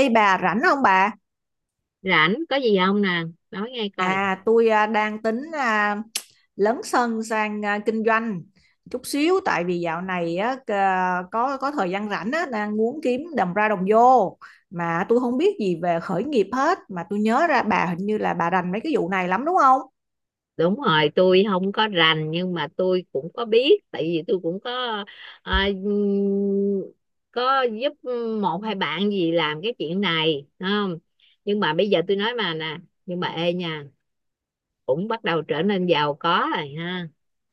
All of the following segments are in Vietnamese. Ê bà rảnh không bà? Rảnh, có gì không nè? Nói nghe coi. Tôi đang tính lấn sân sang kinh doanh chút xíu, tại vì dạo này á, có thời gian rảnh á, đang muốn kiếm đồng ra đồng vô, mà tôi không biết gì về khởi nghiệp hết, mà tôi nhớ ra bà hình như là bà rành mấy cái vụ này lắm đúng không? Đúng rồi, tôi không có rành nhưng mà tôi cũng có biết tại vì tôi cũng có, à, có giúp một hai bạn gì làm cái chuyện này không. Nhưng mà bây giờ tôi nói mà nè. Nhưng mà ê nha, cũng bắt đầu trở nên giàu có rồi ha.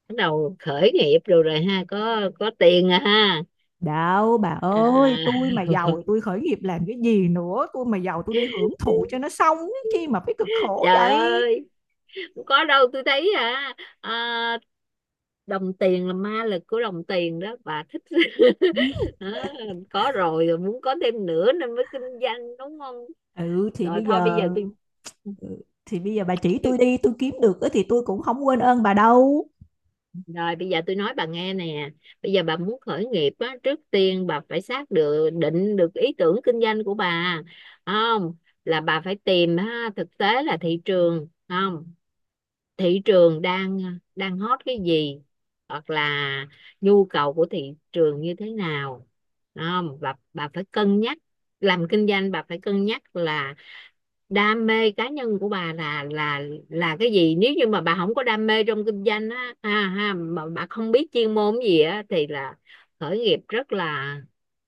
Bắt đầu khởi nghiệp rồi rồi ha, có tiền rồi ha. Đâu bà à, ơi, tôi mà giàu thì tôi khởi nghiệp làm cái gì nữa, tôi mà giàu tôi đi hưởng thụ cho nó xong chứ chi mà phải cực khổ Trời vậy. ơi, có đâu tôi thấy à, à đồng tiền, là ma lực của đồng tiền đó bà thích Đó, có rồi rồi muốn có thêm nữa nên mới kinh doanh, đúng không? Ừ thì Rồi bây thôi, giờ. bây giờ Ừ, thì bây giờ bà chỉ tôi tôi- đi, tôi kiếm được á thì tôi cũng không quên ơn bà đâu. rồi bây giờ tôi nói bà nghe nè. Bây giờ bà muốn khởi nghiệp á, trước tiên bà phải xác được định được ý tưởng kinh doanh của bà, không? Là bà phải tìm ha, thực tế là thị trường, không? Thị trường đang đang hot cái gì, hoặc là nhu cầu của thị trường như thế nào, không? Và bà phải cân nhắc, làm kinh doanh bà phải cân nhắc là đam mê cá nhân của bà là cái gì. Nếu như mà bà không có đam mê trong kinh doanh á, ha ha, mà bà không biết chuyên môn gì á thì là khởi nghiệp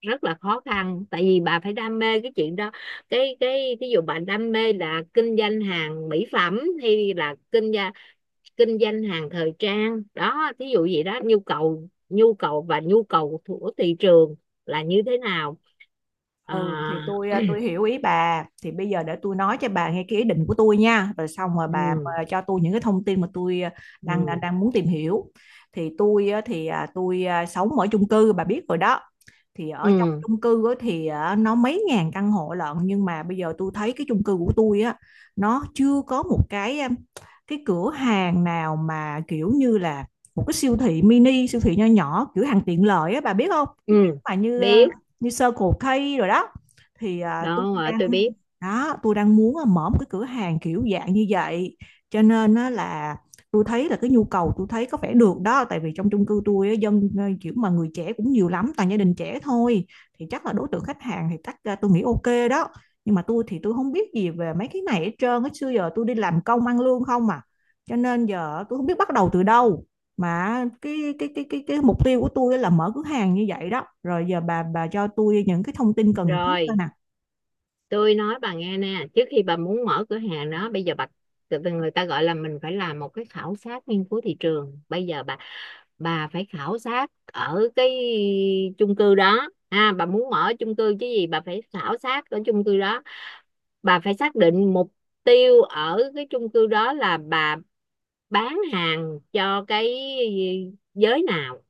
rất là khó khăn tại vì bà phải đam mê cái chuyện đó. Cái ví dụ bà đam mê là kinh doanh hàng mỹ phẩm hay là kinh doanh hàng thời trang đó, thí dụ vậy đó. Nhu cầu của thị trường là như thế nào. à, Ừ thì tôi tôi hiểu ý bà, thì bây giờ để tôi nói cho bà nghe cái ý định của tôi nha, rồi xong rồi bà ừ, cho tôi những cái thông tin mà tôi à, đang đang ừ, đang muốn tìm hiểu. Thì tôi à, thì à, tôi à, sống ở chung cư bà biết rồi đó, thì ở trong ừ, chung cư á, nó mấy ngàn căn hộ lận, nhưng mà bây giờ tôi thấy cái chung cư của tôi á, nó chưa có một cái cái cửa hàng nào mà kiểu như là một cái siêu thị mini, siêu thị nho nhỏ, cửa hàng tiện lợi á, bà biết không, cái kiểu ừ, mà biết. như Circle K rồi đó. thì à, tôi Đó đang tôi biết đó tôi đang muốn mở một cái cửa hàng kiểu dạng như vậy, cho nên nó là tôi thấy là cái nhu cầu tôi thấy có vẻ được đó, tại vì trong chung cư tôi dân kiểu mà người trẻ cũng nhiều lắm, toàn gia đình trẻ thôi, thì chắc là đối tượng khách hàng thì chắc tôi nghĩ ok đó. Nhưng mà tôi thì tôi không biết gì về mấy cái này hết trơn á, xưa giờ tôi đi làm công ăn lương không à, cho nên giờ tôi không biết bắt đầu từ đâu, mà cái mục tiêu của tôi là mở cửa hàng như vậy đó, rồi giờ bà cho tôi những cái thông tin cần thiết coi rồi. nè. Tôi nói bà nghe nè, trước khi bà muốn mở cửa hàng đó bây giờ bà người ta gọi là mình phải làm một cái khảo sát nghiên cứu thị trường. Bây giờ bà, phải khảo sát ở cái chung cư đó ha, bà muốn mở chung cư chứ gì, bà phải khảo sát ở chung cư đó. Bà phải xác định mục tiêu ở cái chung cư đó là bà bán hàng cho cái giới nào,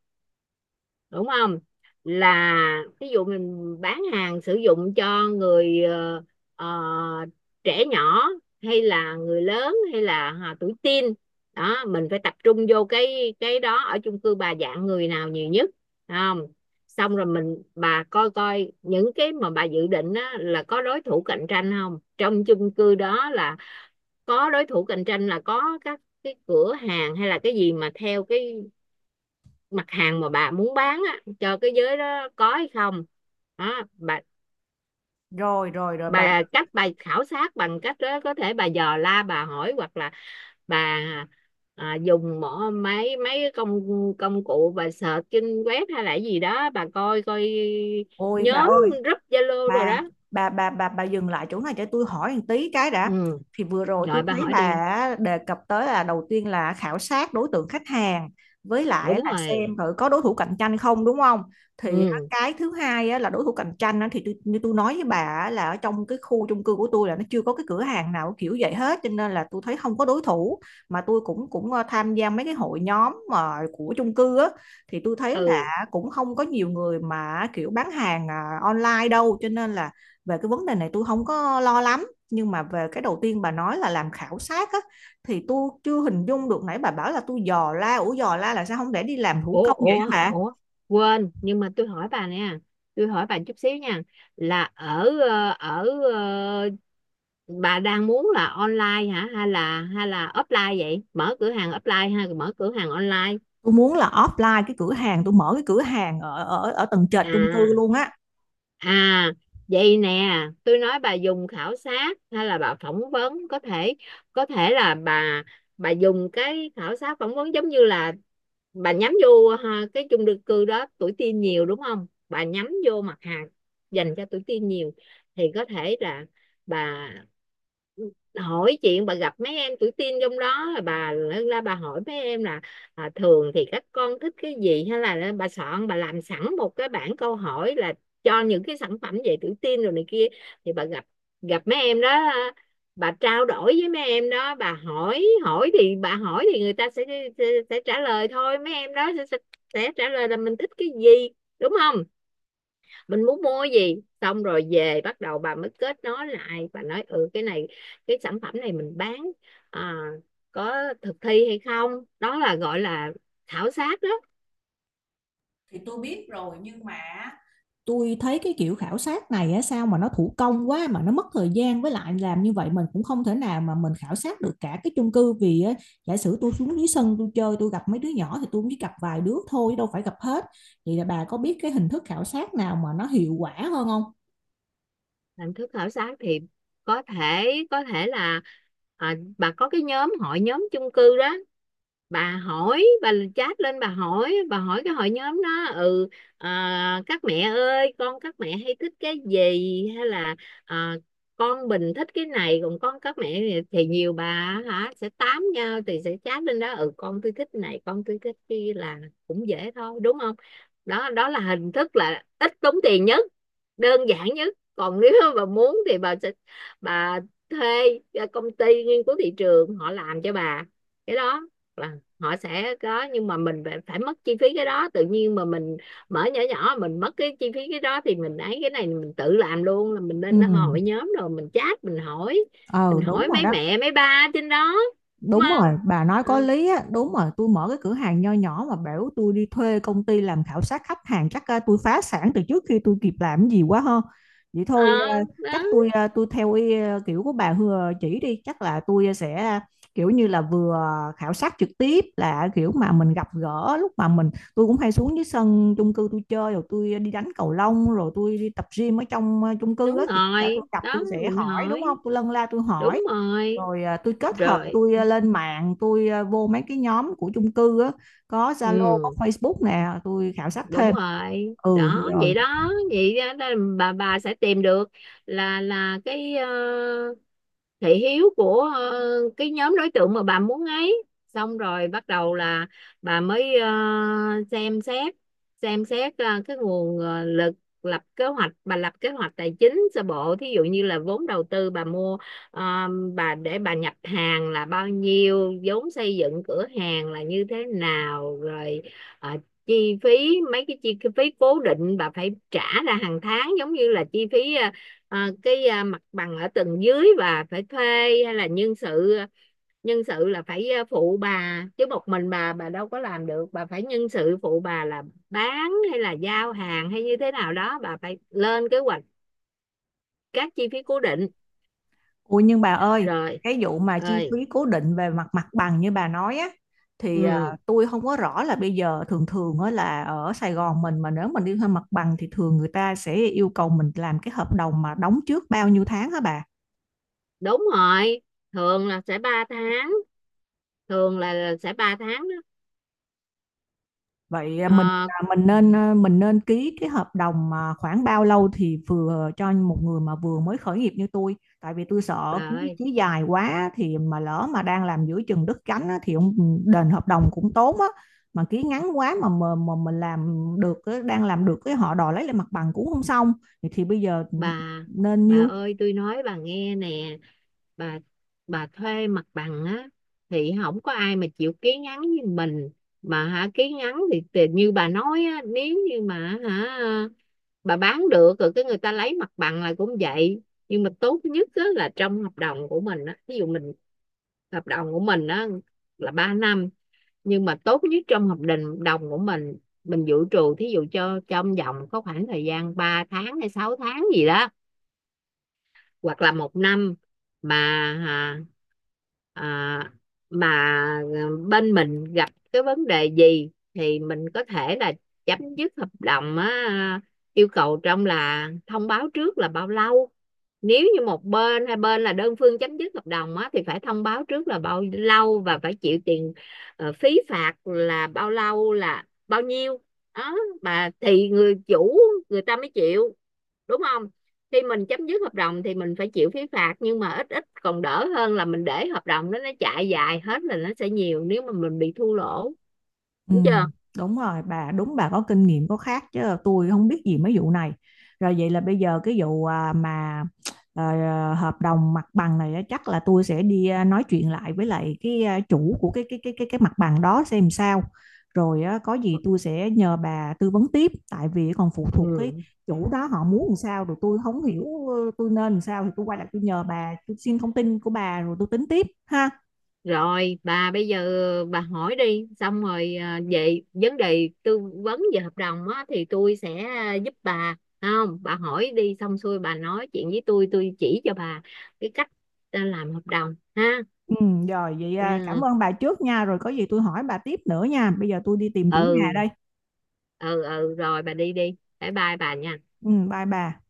đúng không? Là ví dụ mình bán hàng sử dụng cho người ờ, trẻ nhỏ hay là người lớn hay là tuổi teen. Đó mình phải tập trung vô cái đó, ở chung cư bà dạng người nào nhiều nhất, phải không? Xong rồi mình bà coi coi những cái mà bà dự định á, là có đối thủ cạnh tranh không trong chung cư đó. Là có đối thủ cạnh tranh là có các cái cửa hàng hay là cái gì mà theo cái mặt hàng mà bà muốn bán á, cho cái giới đó có hay không, đó bà. Rồi rồi rồi bà, Bà, cách bà khảo sát bằng cách đó, có thể bà dò la bà hỏi, hoặc là bà dùng mỏ mấy mấy công công cụ bà search trên web hay là gì đó, bà coi coi ôi bà nhóm ơi, group Zalo rồi bà đó. bà dừng lại chỗ này cho tôi hỏi một tí cái đã. Ừ, Thì vừa rồi tôi rồi bà thấy hỏi đi. bà đề cập tới là đầu tiên là khảo sát đối tượng khách hàng, với lại Đúng là rồi. xem thử có đối thủ cạnh tranh không đúng không. Thì á, Ừ, cái thứ hai á, là đối thủ cạnh tranh á, thì tôi, như tôi nói với bà á, là ở trong cái khu chung cư của tôi là nó chưa có cái cửa hàng nào kiểu vậy hết, cho nên là tôi thấy không có đối thủ, mà tôi cũng cũng tham gia mấy cái hội nhóm mà của chung cư á, thì tôi thấy ừ. cũng không có nhiều người mà kiểu bán hàng online đâu, cho nên là về cái vấn đề này tôi không có lo lắm. Nhưng mà về cái đầu tiên bà nói là làm khảo sát á, thì tôi chưa hình dung được, nãy bà bảo là tôi dò la, ủa dò la là sao, không để đi làm thủ ủa công vậy ủa hả bà? ủa quên, nhưng mà tôi hỏi bà nè. Tôi hỏi bà chút xíu nha, là ở ờ, bà đang muốn là online hả, hay là offline vậy, mở cửa hàng offline hay mở cửa hàng online? Tôi muốn là offline, cái cửa hàng tôi mở cái cửa hàng ở ở ở tầng trệt chung cư à luôn á. À, Vậy nè, tôi nói bà dùng khảo sát hay là bà phỏng vấn. Có thể là bà dùng cái khảo sát phỏng vấn giống như là bà nhắm vô ha, cái chung cư cư đó tuổi teen nhiều, đúng không? Bà nhắm vô mặt hàng dành cho tuổi teen nhiều, thì có thể là bà hỏi chuyện, bà gặp mấy em tuổi teen trong đó, là bà lên ra bà hỏi mấy em là thường thì các con thích cái gì, hay là bà soạn bà làm sẵn một cái bảng câu hỏi là cho những cái sản phẩm về tự tin rồi này kia, thì bà gặp gặp mấy em đó, bà trao đổi với mấy em đó, bà hỏi hỏi thì bà hỏi thì người ta sẽ, sẽ trả lời thôi, mấy em đó sẽ trả lời là mình thích cái gì, đúng không? Mình muốn mua gì, xong rồi về bắt đầu bà mới kết nối lại và nói ừ cái này, cái sản phẩm này mình bán à, có thực thi hay không. Đó là gọi là khảo sát đó. Thì tôi biết rồi, nhưng mà tôi thấy cái kiểu khảo sát này á, sao mà nó thủ công quá, mà nó mất thời gian, với lại làm như vậy mình cũng không thể nào mà mình khảo sát được cả cái chung cư, vì á, giả sử tôi xuống dưới sân tôi chơi tôi gặp mấy đứa nhỏ thì tôi cũng chỉ gặp vài đứa thôi chứ đâu phải gặp hết. Vậy là bà có biết cái hình thức khảo sát nào mà nó hiệu quả hơn không? Hình thức khảo sát thì có thể là bà có cái nhóm hội nhóm chung cư đó, bà hỏi bà chat lên, bà hỏi cái hội nhóm đó, ừ, các mẹ ơi, con các mẹ hay thích cái gì, hay là à, con Bình thích cái này còn con các mẹ thì nhiều bà hả, sẽ tám nhau thì sẽ chat lên đó, ừ con tôi thích này con tôi thích kia, là cũng dễ thôi, đúng không? Đó đó là hình thức là ít tốn tiền nhất, đơn giản nhất. Còn nếu bà muốn thì bà sẽ bà thuê công ty nghiên cứu thị trường họ làm cho bà. Cái đó là họ sẽ có, nhưng mà mình phải mất chi phí cái đó, tự nhiên mà mình mở nhỏ nhỏ mình mất cái chi phí cái đó thì mình ấy cái này mình tự làm luôn, là mình lên Ừ, hội nhóm rồi mình chat mình hỏi ờ mình đúng hỏi rồi mấy đó. mẹ mấy ba trên đó, đúng Đúng không? rồi, bà nói có Ừ, lý á, đúng rồi, tôi mở cái cửa hàng nho nhỏ mà bảo tôi đi thuê công ty làm khảo sát khách hàng chắc à, tôi phá sản từ trước khi tôi kịp làm cái gì quá ha. Vậy ờ, thôi à, đó chắc tôi tôi theo ý, kiểu của bà Hừa chỉ đi, chắc là tôi sẽ kiểu như là vừa khảo sát trực tiếp, là kiểu mà mình gặp gỡ lúc mà mình, tôi cũng hay xuống dưới sân chung cư tôi chơi, rồi tôi đi đánh cầu lông, rồi tôi đi tập gym ở trong chung cư á, đúng thì chắc là rồi tôi gặp tôi đó, sẽ mình hỏi đúng không? hỏi, Tôi lân la tôi đúng hỏi, rồi. rồi tôi kết hợp Rồi. tôi lên mạng, tôi vô mấy cái nhóm của chung cư á, có Zalo có Ừ, Facebook nè, tôi khảo sát đúng thêm. rồi Ừ đó, vậy rồi. đó, vậy đó, đó là bà sẽ tìm được là cái thị hiếu của cái nhóm đối tượng mà bà muốn ấy, xong rồi bắt đầu là bà mới xem xét, xem xét cái nguồn lực. Lập kế hoạch, bà lập kế hoạch tài chính sơ bộ, thí dụ như là vốn đầu tư bà mua ờ, bà để bà nhập hàng là bao nhiêu, vốn xây dựng cửa hàng là như thế nào, rồi ờ, chi phí, mấy cái chi phí cố định bà phải trả ra hàng tháng, giống như là chi phí Ờ, cái mặt bằng ở tầng dưới và phải thuê, hay là nhân sự. Nhân sự là phải phụ bà chứ, một mình bà đâu có làm được, bà phải nhân sự phụ bà là bán hay là giao hàng hay như thế nào đó, bà phải lên kế hoạch các chi phí cố định. Ui nhưng bà ơi, Rồi cái vụ mà chi ơi, phí cố định về mặt mặt bằng như bà nói á, thì à, ừ, tôi không có rõ là bây giờ thường thường á, là ở Sài Gòn mình mà nếu mình đi thuê mặt bằng thì thường người ta sẽ yêu cầu mình làm cái hợp đồng mà đóng trước bao nhiêu tháng hả bà? đúng rồi, thường là sẽ 3 tháng, thường là sẽ 3 tháng đó. Vậy Ờ, ừ. Mình nên ký cái hợp đồng mà khoảng bao lâu thì vừa cho một người mà vừa mới khởi nghiệp như tôi, tại vì tôi Bà sợ ký ơi, ký dài quá thì mà lỡ mà đang làm giữa chừng đứt cánh á, thì ông đền hợp đồng cũng tốn á, mà ký ngắn quá mà mà mình làm được á, đang làm được cái họ đòi lấy lại mặt bằng cũng không xong. Thì bây giờ ừ, bà nên bà nhiêu? ơi tôi nói bà nghe nè, bà bà thuê mặt bằng á thì không có ai mà chịu ký ngắn như mình mà hả. Ký ngắn thì như bà nói á, nếu như mà hả bà bán được rồi cái người ta lấy mặt bằng là cũng vậy. Nhưng mà tốt nhất á, là trong hợp đồng của mình á, ví dụ mình, hợp đồng của mình á là 3 năm. Nhưng mà tốt nhất trong hợp đồng đồng của mình dự trù thí dụ cho trong vòng có khoảng thời gian 3 tháng hay 6 tháng gì đó, hoặc là 1 năm, mà à, à, mà à, bên mình gặp cái vấn đề gì thì mình có thể là chấm dứt hợp đồng á, yêu cầu trong là thông báo trước là bao lâu. Nếu như một bên hai bên là đơn phương chấm dứt hợp đồng á thì phải thông báo trước là bao lâu, và phải chịu tiền phí phạt là bao lâu, là bao nhiêu, đó. Mà thì người chủ người ta mới chịu, đúng không? Khi mình chấm dứt hợp đồng thì mình phải chịu phí phạt, nhưng mà ít ít còn đỡ hơn là mình để hợp đồng đó nó chạy dài hết là nó sẽ nhiều, nếu mà mình bị thua lỗ, Ừ, đúng chưa? đúng rồi bà, đúng, bà có kinh nghiệm có khác, chứ tôi không biết gì mấy vụ này. Rồi vậy là bây giờ cái vụ hợp đồng mặt bằng này á, chắc là tôi sẽ đi nói chuyện lại với lại cái chủ của cái mặt bằng đó xem sao. Rồi á, có gì tôi sẽ nhờ bà tư vấn tiếp, tại vì còn phụ thuộc cái Ừ. chủ đó họ muốn làm sao, rồi tôi không hiểu tôi nên làm sao thì tôi quay lại tôi nhờ bà, tôi xin thông tin của bà rồi tôi tính tiếp ha. Rồi bà, bây giờ bà hỏi đi xong rồi về vấn đề tư vấn về hợp đồng á, thì tôi sẽ giúp bà, không bà hỏi đi xong xuôi bà nói chuyện với tôi chỉ cho bà cái cách làm hợp đồng ha. Ừ, rồi vậy à, Yeah. cảm ơn bà trước nha, rồi có gì tôi hỏi bà tiếp nữa nha. Bây giờ tôi đi tìm chủ nhà Ừ, đây. ừ, ừ, rồi bà đi đi, bye bye bà nha. Ừ, bye bà.